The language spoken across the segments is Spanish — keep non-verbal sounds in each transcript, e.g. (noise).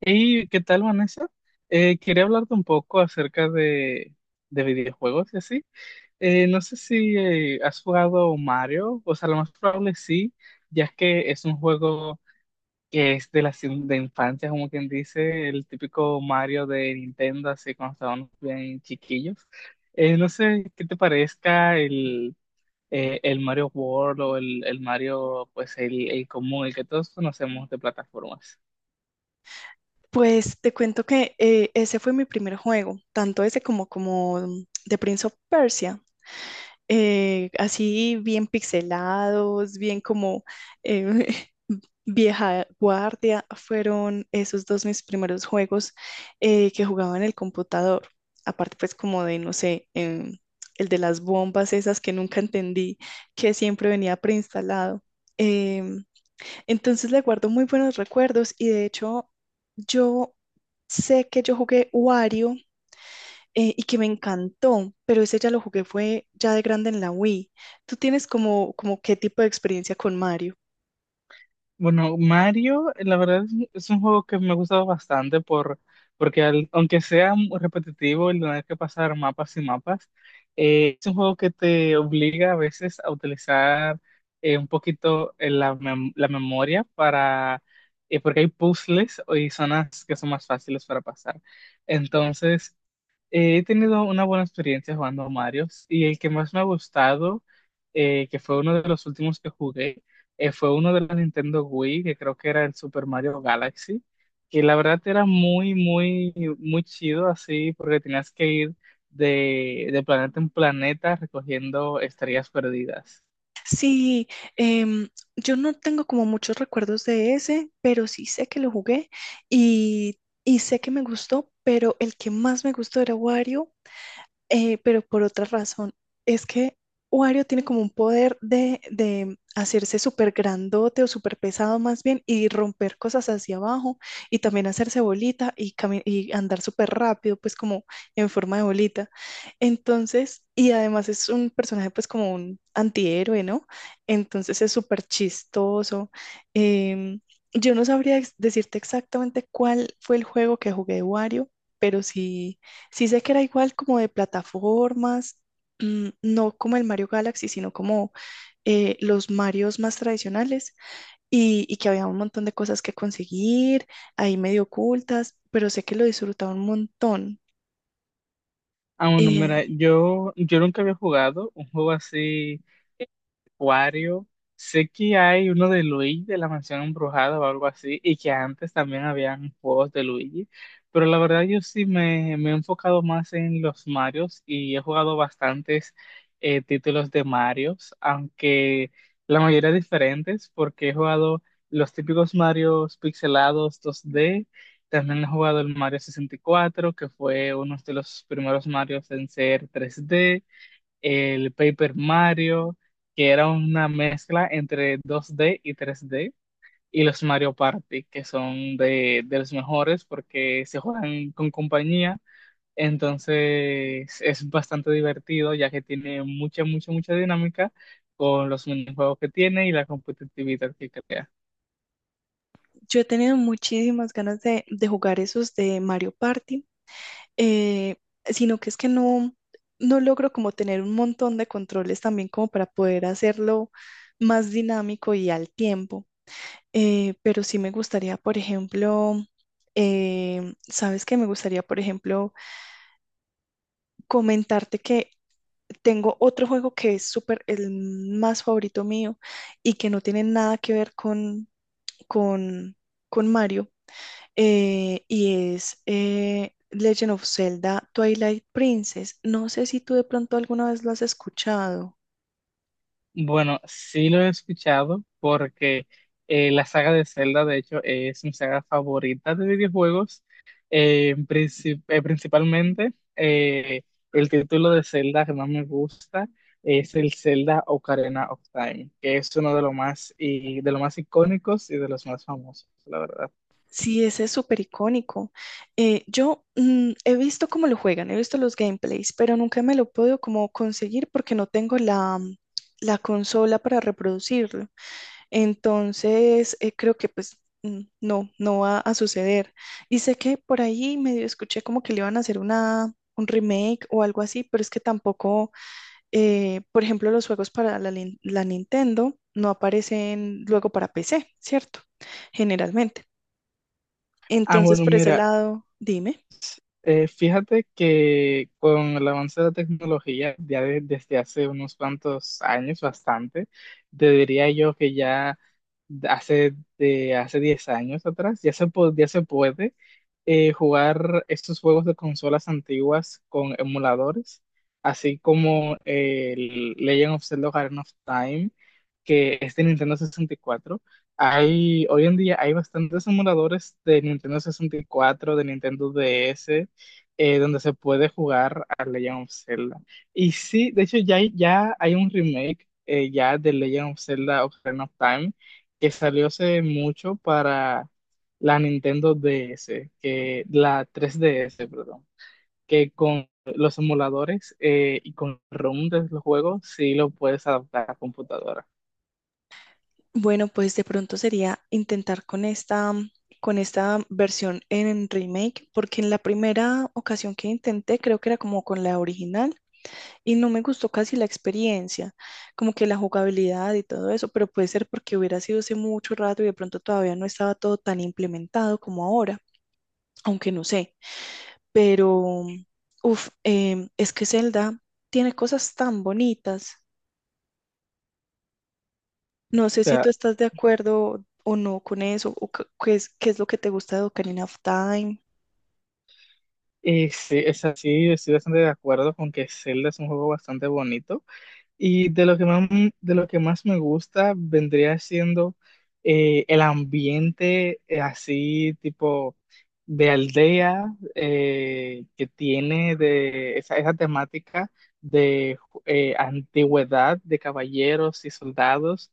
¿Y qué tal, Vanessa? Quería hablarte un poco acerca de videojuegos y así. No sé si has jugado Mario, o sea, lo más probable sí, ya que es un juego que es de de infancia, como quien dice, el típico Mario de Nintendo, así cuando estábamos bien chiquillos. No sé qué te parezca el Mario World o el Mario, pues el común, el que todos conocemos de plataformas. Pues te cuento que ese fue mi primer juego, tanto ese como The Prince of Persia, así bien pixelados, bien como eh, (laughs) vieja guardia, fueron esos dos mis primeros juegos que jugaba en el computador, aparte pues como de, no sé, el de las bombas esas que nunca entendí, que siempre venía preinstalado. Em, entonces le guardo muy buenos recuerdos y de hecho yo sé que yo jugué Wario y que me encantó, pero ese ya lo jugué fue ya de grande en la Wii. ¿Tú tienes como qué tipo de experiencia con Mario? Bueno, Mario, la verdad es un juego que me ha gustado bastante porque aunque sea muy repetitivo el tener que pasar mapas y mapas, es un juego que te obliga a veces a utilizar un poquito la memoria para, porque hay puzzles y zonas que son más fáciles para pasar. Entonces, he tenido una buena experiencia jugando a Mario, y el que más me ha gustado, que fue uno de los últimos que jugué, fue uno de los Nintendo Wii, que creo que era el Super Mario Galaxy, que la verdad era muy chido así, porque tenías que ir de planeta en planeta recogiendo estrellas perdidas. Sí, em, yo no tengo como muchos recuerdos de ese, pero sí sé que lo jugué y, y sé que me gustó, pero el que más me gustó era Wario, pero por otra razón, es que Wario tiene como un poder de hacerse súper grandote o súper pesado más bien y romper cosas hacia abajo y también hacerse bolita y, y andar súper rápido, pues como en forma de bolita. Entonces, y además es un personaje pues como un antihéroe, ¿no? Entonces es súper chistoso. Em, yo no sabría decirte exactamente cuál fue el juego que jugué de Wario, pero sí sé que era igual como de plataformas, mm, no como el Mario Galaxy, sino como los Marios más tradicionales y que había un montón de cosas que conseguir, ahí medio ocultas, pero sé que lo disfrutaba un montón. Ah, bueno, Eh, mira, yo nunca había jugado un juego así Acuario. Sé que hay uno de Luigi de la Mansión Embrujada o algo así, y que antes también habían juegos de Luigi, pero la verdad yo me he enfocado más en los Marios, y he jugado bastantes títulos de Marios, aunque la mayoría diferentes, porque he jugado los típicos Marios pixelados 2D, también he jugado el Mario 64, que fue uno de los primeros Marios en ser 3D, el Paper Mario, que era una mezcla entre 2D y 3D, y los Mario Party, que son de los mejores porque se juegan con compañía. Entonces es bastante divertido, ya que tiene mucha dinámica con los minijuegos que tiene y la competitividad que crea. yo he tenido muchísimas ganas de jugar esos de Mario Party, eh, sino que es que no logro como tener un montón de controles también como para poder hacerlo más dinámico y al tiempo. Pero sí me gustaría, por ejemplo, ¿sabes que me gustaría, por ejemplo, comentarte que tengo otro juego que es súper, el más favorito mío y que no tiene nada que ver con, con Mario, y es Legend of Zelda Twilight Princess? No sé si tú de pronto alguna vez lo has escuchado. Bueno, sí lo he escuchado porque la saga de Zelda, de hecho, es mi saga favorita de videojuegos. Principalmente, el título de Zelda que más me gusta es el Zelda Ocarina of Time, que es uno de los más, y de los más icónicos y de los más famosos, la verdad. Sí, ese es súper icónico. Yo he visto cómo lo juegan, he visto los gameplays, pero nunca me lo puedo como conseguir porque no tengo la, mm, la consola para reproducirlo. Entonces, creo que pues mm, no, no va a suceder. Y sé que por ahí medio escuché como que le iban a hacer un remake o algo así, pero es que tampoco, por ejemplo, los juegos para la, la Nintendo no aparecen luego para PC, ¿cierto? Generalmente. Ah, Entonces, bueno, por ese mira, lado, dime. Fíjate que con el avance de la tecnología, ya desde hace unos cuantos años, bastante, te diría yo que ya hace 10 años atrás, ya se puede jugar estos juegos de consolas antiguas con emuladores, así como el Legend of Zelda Ocarina of Time, que es de Nintendo 64. Hoy en día hay bastantes emuladores de Nintendo 64, de Nintendo DS, donde se puede jugar a Legend of Zelda. Y sí, de hecho ya hay un remake ya de Legend of Zelda Ocarina of Time que salió hace mucho para la Nintendo DS, que, la 3DS, perdón, que con los emuladores y con ROM de los juegos sí lo puedes adaptar a computadora. Bueno, pues de pronto sería intentar con esta versión en remake, porque en la primera ocasión que intenté, creo que era como con la original y no me gustó casi la experiencia, como que la jugabilidad y todo eso, pero puede ser porque hubiera sido hace mucho rato y de pronto todavía no estaba todo tan implementado como ahora, aunque no sé, pero, uff, es que Zelda tiene cosas tan bonitas. No O sé si sea, tú estás de acuerdo o no con eso, o qué es, qué es lo que te gusta de Ocarina of Time. y sí, es así, estoy bastante de acuerdo con que Zelda es un juego bastante bonito. Y de lo que más me gusta vendría siendo el ambiente así tipo de aldea que tiene de esa temática de antigüedad de caballeros y soldados.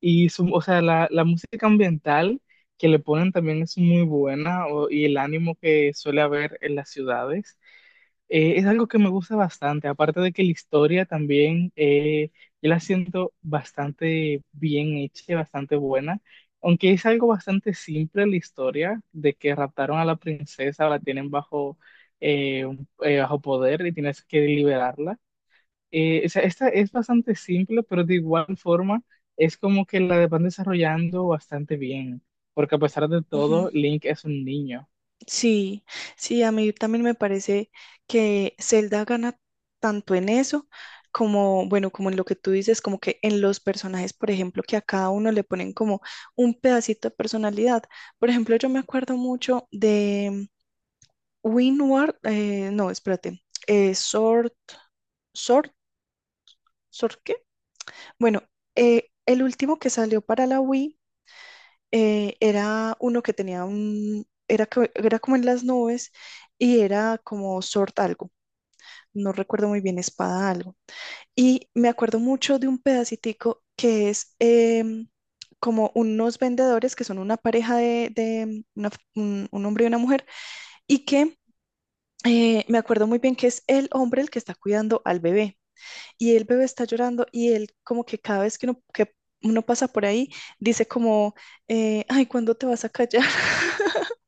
O sea, la música ambiental que le ponen también es muy buena, y el ánimo que suele haber en las ciudades. Es algo que me gusta bastante, aparte de que la historia también, yo la siento bastante bien hecha, bastante buena, aunque es algo bastante simple la historia de que raptaron a la princesa, la tienen bajo, bajo poder, y tienes que liberarla. O sea, esta es bastante simple, pero de igual forma es como que la van desarrollando bastante bien, porque a pesar de Ujú. todo, Link es un niño. Sí, sí, a mí también me parece que Zelda gana tanto en eso como, bueno, como en lo que tú dices, como que en los personajes, por ejemplo, que a cada uno le ponen como un pedacito de personalidad. Por ejemplo, yo me acuerdo mucho de Winward, no, espérate, eh, Sword, Sword, ¿Sword qué? Bueno, el último que salió para la Wii era uno que tenía era como en las nubes y era como Sword algo, no recuerdo muy bien, espada algo. Y me acuerdo mucho de un pedacitico que es como unos vendedores que son una pareja de un hombre y una mujer y que me acuerdo muy bien que es el hombre el que está cuidando al bebé. Y el bebé está llorando y él como que cada vez que uno pasa por ahí dice como, ay, ¿cuándo te vas a callar? (laughs)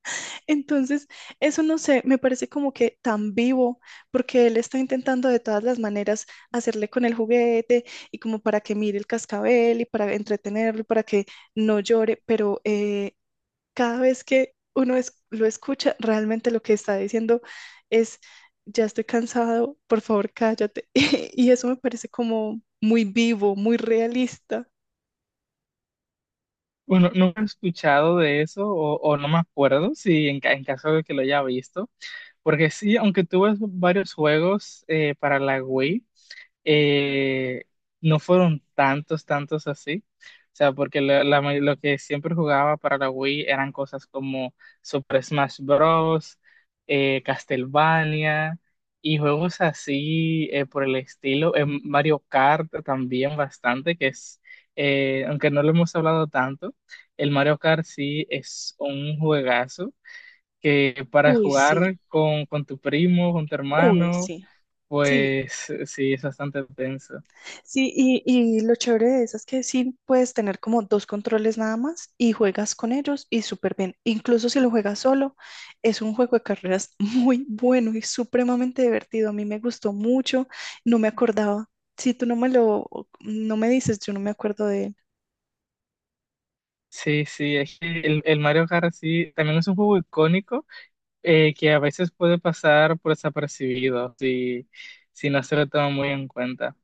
Entonces, eso no sé, me parece como que tan vivo, porque él está intentando de todas las maneras hacerle con el juguete y como para que mire el cascabel y para entretenerlo y para que no llore, pero cada vez que uno lo escucha, realmente lo que está diciendo es, ya estoy cansado, por favor, cállate. (laughs) Y eso me parece como muy vivo, muy realista. Bueno, nunca he escuchado de eso, o no me acuerdo si en caso de que lo haya visto, porque sí, aunque tuve varios juegos para la Wii, eh, no fueron tantos así. O sea, porque lo que siempre jugaba para la Wii eran cosas como Super Smash Bros., Castlevania y juegos así por el estilo. En Mario Kart también bastante, aunque no lo hemos hablado tanto, el Mario Kart sí es un juegazo que para Uy, sí, jugar con tu primo, con tu uy, hermano, sí. Sí, pues sí, es bastante tenso. sí, y lo chévere de eso es que sí puedes tener como dos controles nada más y juegas con ellos y súper bien. Incluso si lo juegas solo, es un juego de carreras (laughs) muy bueno y supremamente divertido. A mí me gustó mucho, no me acordaba. Si tú no me lo, no me dices, yo no me acuerdo de él. Sí, sí, es que el Mario Kart sí, también es un juego icónico, que a veces puede pasar por desapercibido si no se lo toma muy en cuenta.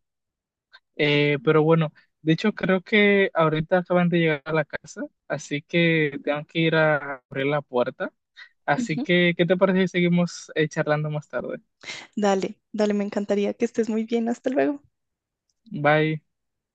Pero bueno, de hecho creo que ahorita acaban de llegar a la casa, así que tengo que ir a abrir la puerta. Así Ujú. que, ¿qué te parece si seguimos charlando más tarde? Dale, dale, me encantaría que estés muy bien. Hasta luego. Bye.